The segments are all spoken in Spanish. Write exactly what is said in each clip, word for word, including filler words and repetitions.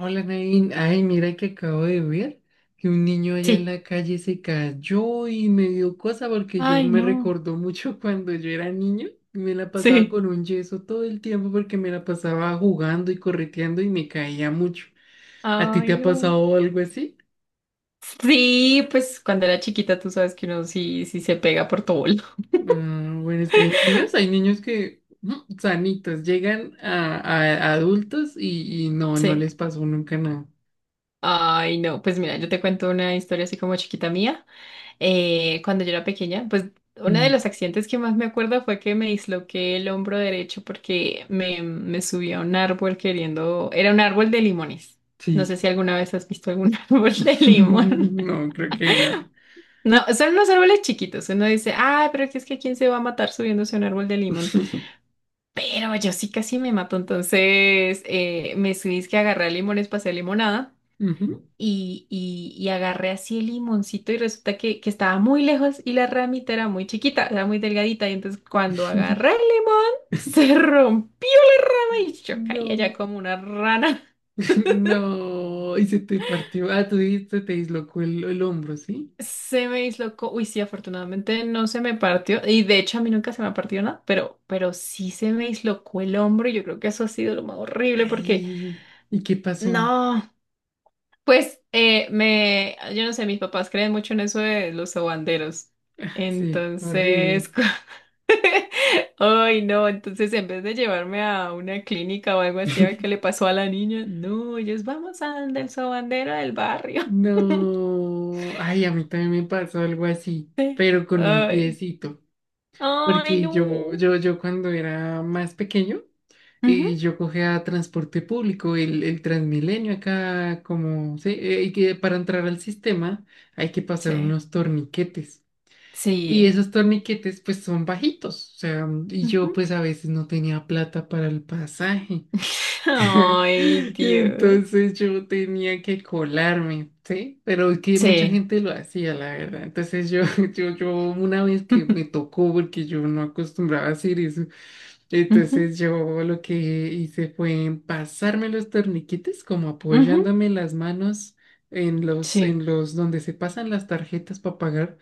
Hola, Nain. Ay, mira que acabo de ver que un niño allá en Sí. la calle se cayó y me dio cosa porque yo Ay, me no. recordó mucho cuando yo era niño y me la pasaba Sí. con un yeso todo el tiempo porque me la pasaba jugando y correteando y me caía mucho. ¿A ti te Ay, ha no. pasado algo así? Sí, pues cuando era chiquita tú sabes que uno sí, sí se pega por todo. Ah, bueno, es que hay niños, hay niños que mm, sanitos llegan a, a adultos y, y no, no Sí. les pasó nunca nada. Ay, no. Pues mira, yo te cuento una historia así como chiquita mía. Eh, cuando yo era pequeña, pues uno de Mm, los accidentes que más me acuerdo fue que me disloqué el hombro derecho porque me, me subí a un árbol queriendo... Era un árbol de limones. No sé sí. si alguna vez has visto algún árbol de limón. No, creo que no. No, son unos árboles chiquitos. Uno dice, ah, pero que es que quién se va a matar subiéndose a un árbol de limón. Pero yo sí casi me mato. Entonces eh, me subí, es que agarré limones para hacer limonada Ujú. y, y, y agarré así el limoncito y resulta que, que estaba muy lejos y la ramita era muy chiquita, era muy delgadita. Y entonces cuando agarré el limón, se rompió la rama y yo caí allá No, como una rana. no, y se te partió. Ah, tú dijiste, te dislocó el, el hombro, ¿sí? Se me dislocó. Uy, sí, afortunadamente no se me partió. Y de hecho a mí nunca se me ha partido nada, pero, pero sí se me dislocó el hombro y yo creo que eso ha sido lo más horrible porque Ay, ¿y qué pasó? no, pues eh, me, yo no sé, mis papás creen mucho en eso de los sobanderos. Ah, sí, Entonces, horrible. cu- ay no, entonces en vez de llevarme a una clínica o algo así a ver qué le pasó a la niña, no, ellos vamos al del sobandero del barrio. No, ay, a mí también me pasó algo así, pero con un Ay, piecito, ay, porque yo, no. yo, yo cuando era más pequeño, Ujú, y yo cogía transporte público, el, el Transmilenio acá, como, sí, eh, y que para entrar al sistema hay que pasar Sí. unos torniquetes. Y Sí. esos torniquetes pues son bajitos, o sea, y yo Ujú. pues a veces no tenía plata para el pasaje. Ay, Y Dios. entonces yo tenía que colarme, ¿sí? Pero es que mucha Sí. gente lo hacía, la verdad. Entonces yo, yo, yo una vez que me tocó, porque yo no acostumbraba a hacer eso, Ujú, entonces yo lo que hice fue pasarme los torniquetes, como ujú. apoyándome las manos en los, en Sí. los donde se pasan las tarjetas para pagar.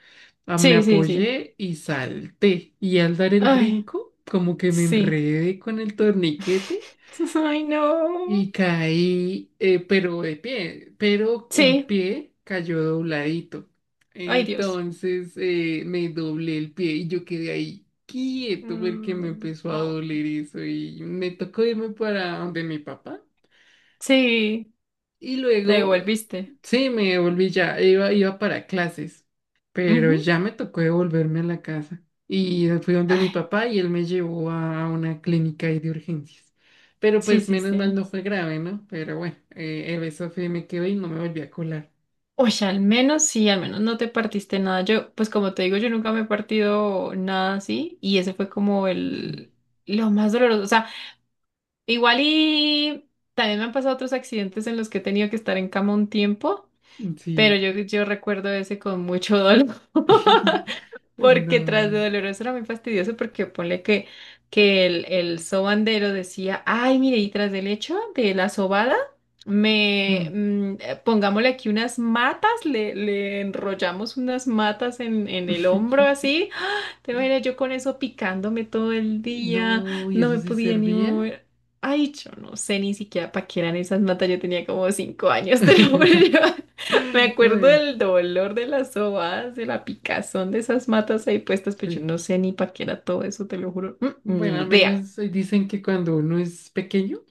Ah, me Sí, sí, sí. apoyé y salté. Y al dar el Ay, brinco, como que me sí. enredé con el torniquete. Ay, no. Y caí, eh, pero de pie, pero un Sí. pie cayó dobladito. Ay, Dios. Entonces eh, me doblé el pie y yo quedé ahí quieto porque me Mm, empezó a no. doler eso y me tocó irme para donde mi papá Sí, y te luego, devolviste. sí, me volví ya, iba, iba para clases, Ujú. pero ya me tocó devolverme a la casa. Y fui donde mi Ay, papá y él me llevó a una clínica ahí de urgencias. Pero sí, pues sí, menos mal sí. no fue grave, ¿no? Pero bueno, eh, el beso fue, me quedé y no me volví a colar. Oye, al menos sí, al menos no te partiste nada. Yo, pues como te digo, yo nunca me he partido nada así y ese fue como Sí, el lo más doloroso. O sea, igual y también me han pasado otros accidentes en los que he tenido que estar en cama un tiempo, pero sí. yo, yo recuerdo ese con mucho dolor. Porque tras de No. doloroso era muy fastidioso porque ponle que, que el, el sobandero decía, ay, mire, y tras del hecho de la sobada, me Mm. mm, eh, pongámosle aquí unas matas, le, le enrollamos unas matas en, en el hombro así. ¡Ah! Te imaginas yo con eso picándome todo el día, No, ¿y no eso me sí podía ni servía? mover. Ay, yo no sé ni siquiera para qué eran esas matas, yo tenía como cinco años, te lo juro. Me Ué, acuerdo del dolor de las sobadas, de la picazón de esas matas ahí puestas, pero yo sí. no sé ni para qué era todo eso, te lo juro. Mm, Bueno, ni al idea. menos eh, dicen que cuando uno es pequeño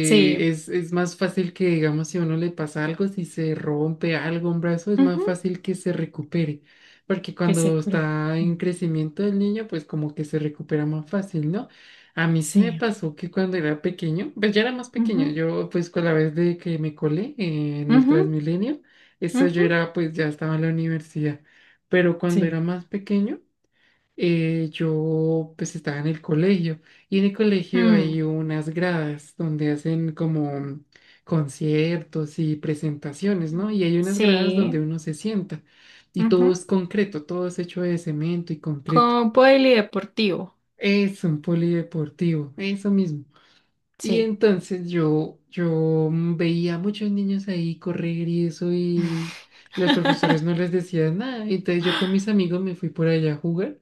Sí. es, es más fácil que, digamos, si a uno le pasa algo, si se rompe algo, un brazo, es Ujú. más fácil que se recupere. Porque Que se cuando cure. está en Mm, crecimiento el niño, pues como que se recupera más fácil, ¿no? A mí sí me Sí. pasó que cuando era pequeño, pues ya era más Ujú. pequeño, yo pues con la vez de que me colé eh, en el Ujú. Transmilenio, eso Ujú. yo era pues ya estaba en la universidad. Pero cuando Sí. era más pequeño, eh, yo pues estaba en el colegio y en el colegio Mm, hay unas gradas donde hacen como conciertos y presentaciones, ¿no? Y hay unas gradas Sí. donde uno se sienta y todo es Ujú. concreto, todo es hecho de cemento y concreto. Como polideportivo. Es un polideportivo, eso mismo. Y Sí. entonces yo, yo mm, veía a muchos niños ahí correr y eso y los profesores no les decían nada. Entonces yo con mis amigos me fui por allá a jugar.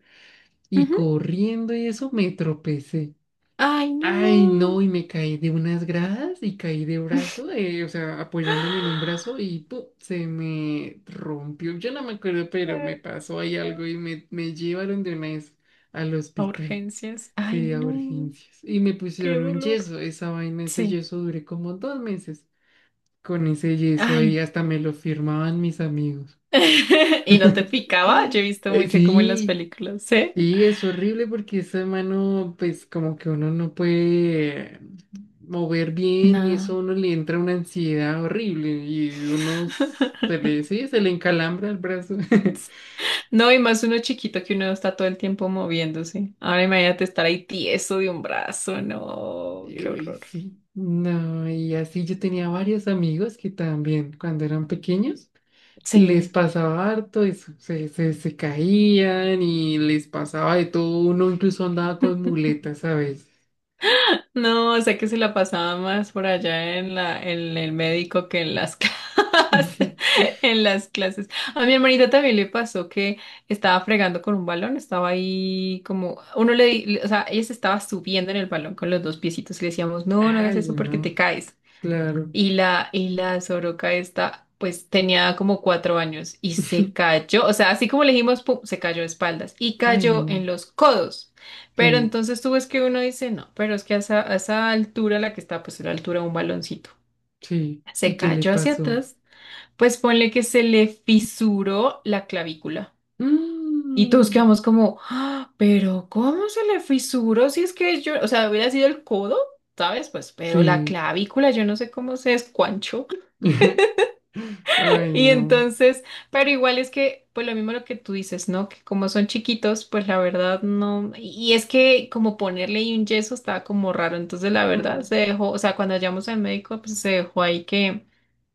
Y Ujú. corriendo y eso me tropecé. Ay, Ay, no. no, y me caí de unas gradas y caí de brazo, eh, o sea, apoyándome en un brazo y ¡pum! Se me rompió. Yo no me acuerdo, pero me Ay, pasó ahí algo y me, me llevaron de una vez al A hospital, urgencias. Ay, sí, a no. urgencias. Y me Qué pusieron un dolor. yeso, esa vaina, ese Sí. yeso duré como dos meses con ese yeso Ay. ahí, hasta me lo firmaban mis amigos. Y no te picaba, yo he visto Eh, mucho como en las sí, películas, ¿sí? y es horrible porque esa mano, pues como que uno no puede mover bien y eso Nada. a uno le entra una ansiedad horrible y uno s- se le, sí, se le encalambra el brazo. No, y más uno chiquito que uno está todo el tiempo moviéndose. Ahora imagínate estar ahí tieso de un brazo, no, Y qué uy, horror. sí, no, y así yo tenía varios amigos que también cuando eran pequeños les Sí. pasaba harto eso, se, se, se caían y les pasaba de todo, uno incluso andaba con muletas a veces. No, o sea que se la pasaba más por allá en la, en el médico que en las clases, en las clases. A mi hermanita también le pasó que estaba fregando con un balón, estaba ahí como, uno le, di- le- o sea, ella se estaba subiendo en el balón con los dos piecitos y le decíamos, no, no hagas Ay, eso porque te no, caes. claro. Y la, y la soroca esta, pues tenía como cuatro años y se cayó, o sea, así como le dijimos, pum, se cayó de espaldas y Ay, cayó no. en los codos. Pero Sí, entonces tú ves que uno dice, no, pero es que a esa, a esa altura, la que está, pues a la altura de un baloncito, sí. se ¿Y qué le cayó hacia pasó? atrás, pues ponle que se le fisuró la clavícula. Y todos Mm, quedamos como, "Ah, pero ¿cómo se le fisuró? Si es que yo, o sea, hubiera sido el codo, ¿sabes? Pues, pero la sí. clavícula, yo no sé cómo se descuanchó. Ay, Y no. entonces, pero igual es que, pues lo mismo lo que tú dices, ¿no? Que como son chiquitos, pues la verdad no. Y es que como ponerle ahí un yeso estaba como raro. Entonces, la verdad, se Mm, dejó, o sea, cuando llamamos al médico, pues se dejó ahí que,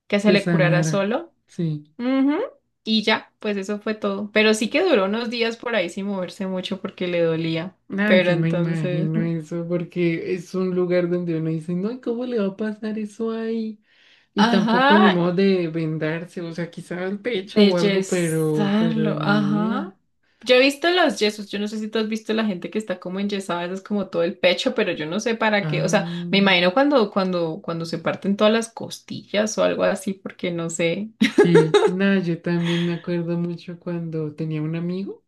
que se que le curara sanara. solo. Sí. Ujú. Y ya, pues eso fue todo. Pero sí que duró unos días por ahí sin moverse mucho porque le dolía. Ay, Pero yo me entonces, imagino eso porque es un lugar donde uno dice, no, ¿cómo le va a pasar eso ahí? Y tampoco ni ajá, modo de vendarse, o sea, quizá el pecho de o algo, pero, pero yesarlo, ni ajá. idea. Yo he visto los yesos, yo no sé si tú has visto la gente que está como enyesada, eso es como todo el pecho, pero yo no sé para qué, o sea, me Ah, imagino cuando, cuando, cuando se parten todas las costillas o algo así, porque no sé. sí. No, yo también me acuerdo mucho cuando tenía un amigo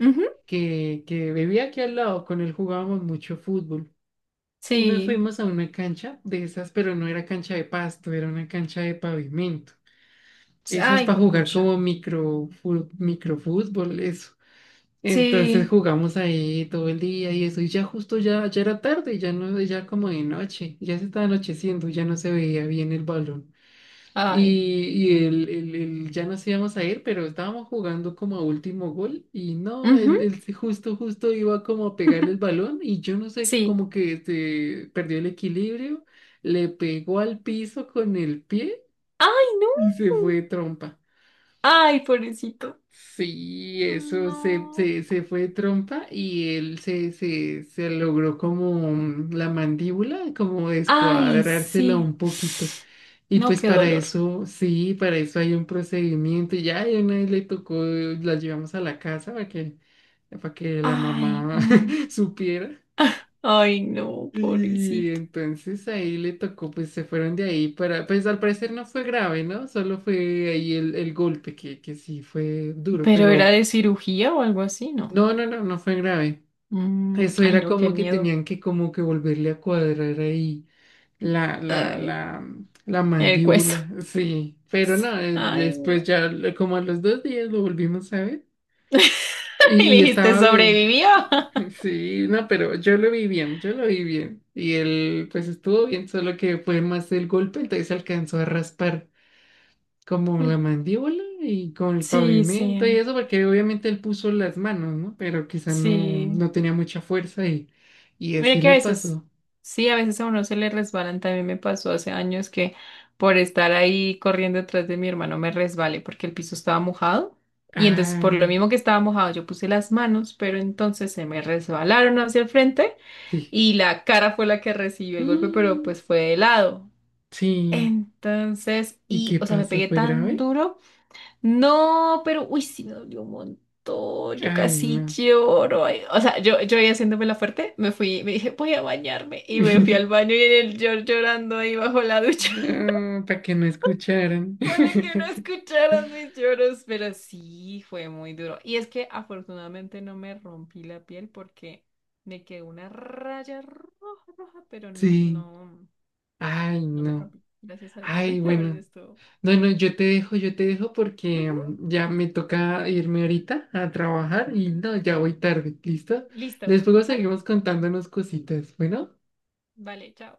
Ujú, que, que vivía aquí al lado, con él jugábamos mucho fútbol. Y nos sí. fuimos a una cancha de esas, pero no era cancha de pasto, era una cancha de pavimento. Esas Ay, para jugar juepucha. como micro, fu- microfútbol, eso. Entonces Sí. jugamos ahí todo el día y eso, y ya justo ya, ya era tarde, ya no, ya como de noche, ya se estaba anocheciendo, ya no se veía bien el balón. Ay. Y, y él, él- él ya nos íbamos a ir, pero estábamos jugando como a último gol y no, Ujú, él, él se- justo, justo iba como a pegarle el balón y yo no sé, sí. como que se perdió el equilibrio, le pegó al piso con el pie Ay, no. y se fue de trompa. Ay, pobrecito. Sí, eso se, No. se, se fue de trompa y él se, se, se logró como mm, la mandíbula, como Ay, descuadrársela sí. un poquito. Y No, pues qué para dolor. eso, sí, para eso hay un procedimiento. Y ya y una vez le tocó, la llevamos a la casa para que, para que la Ay, mamá no. supiera. Ay, no, Y pobrecito. entonces ahí le tocó, pues se fueron de ahí para, pues al parecer no fue grave, ¿no? Solo fue ahí el, el golpe, que, que sí fue duro, Pero era pero de cirugía o algo así, ¿no? no, no, no, no fue grave. Mm, Eso ay, era no, qué como que miedo. tenían que como que volverle a cuadrar ahí la, la, Ay, la, la el hueso. mandíbula, sí. Pero Sí. no, eh, Ay, después no. ya lo- como a los dos días lo volvimos a ver y, Y le y dijiste, estaba bien. sobrevivió. Sí, no, pero yo lo vi bien, yo lo vi bien. Y él pues estuvo bien, solo que fue más el golpe, entonces alcanzó a raspar como Mm, la mandíbula y con el sí, pavimento sí, y eso, porque obviamente él puso las manos, ¿no? Pero quizá no, sí. no tenía mucha fuerza y, y Mira así que a le veces, pasó. sí, a veces a uno se le resbalan. También me pasó hace años que por estar ahí corriendo detrás de mi hermano me resbalé porque el piso estaba mojado. Y entonces por lo Ah, mismo que estaba mojado yo puse las manos, pero entonces se me resbalaron hacia el frente sí. y la cara fue la que recibió el golpe, pero Mm, pues fue de lado. sí. Entonces, ¿Y y, qué o sea, me pasó? pegué ¿Fue tan grave? duro. No, pero, uy, sí me dolió un montón. Yo Ay, casi no. lloro. Ay, O sea, yo, yo ahí haciéndome la fuerte, me fui, me dije, voy a bañarme. Y me fui al baño y en el llor llorando ahí bajo la ducha. Para que no escucharan. Para que no escucharas mis lloros, pero sí fue muy duro. Y es que afortunadamente no me rompí la piel porque me quedó una raya roja, roja, pero no, Sí. no. Ay, No me no. rompí. Gracias a Dios. Ay, Pero bueno. estuvo. No, no, yo te dejo, yo te dejo porque Ujú. mm, ya me toca irme ahorita a trabajar y no, ya voy tarde, ¿listo? Listo. Después Vale. seguimos contándonos cositas. Bueno. Vale, chao.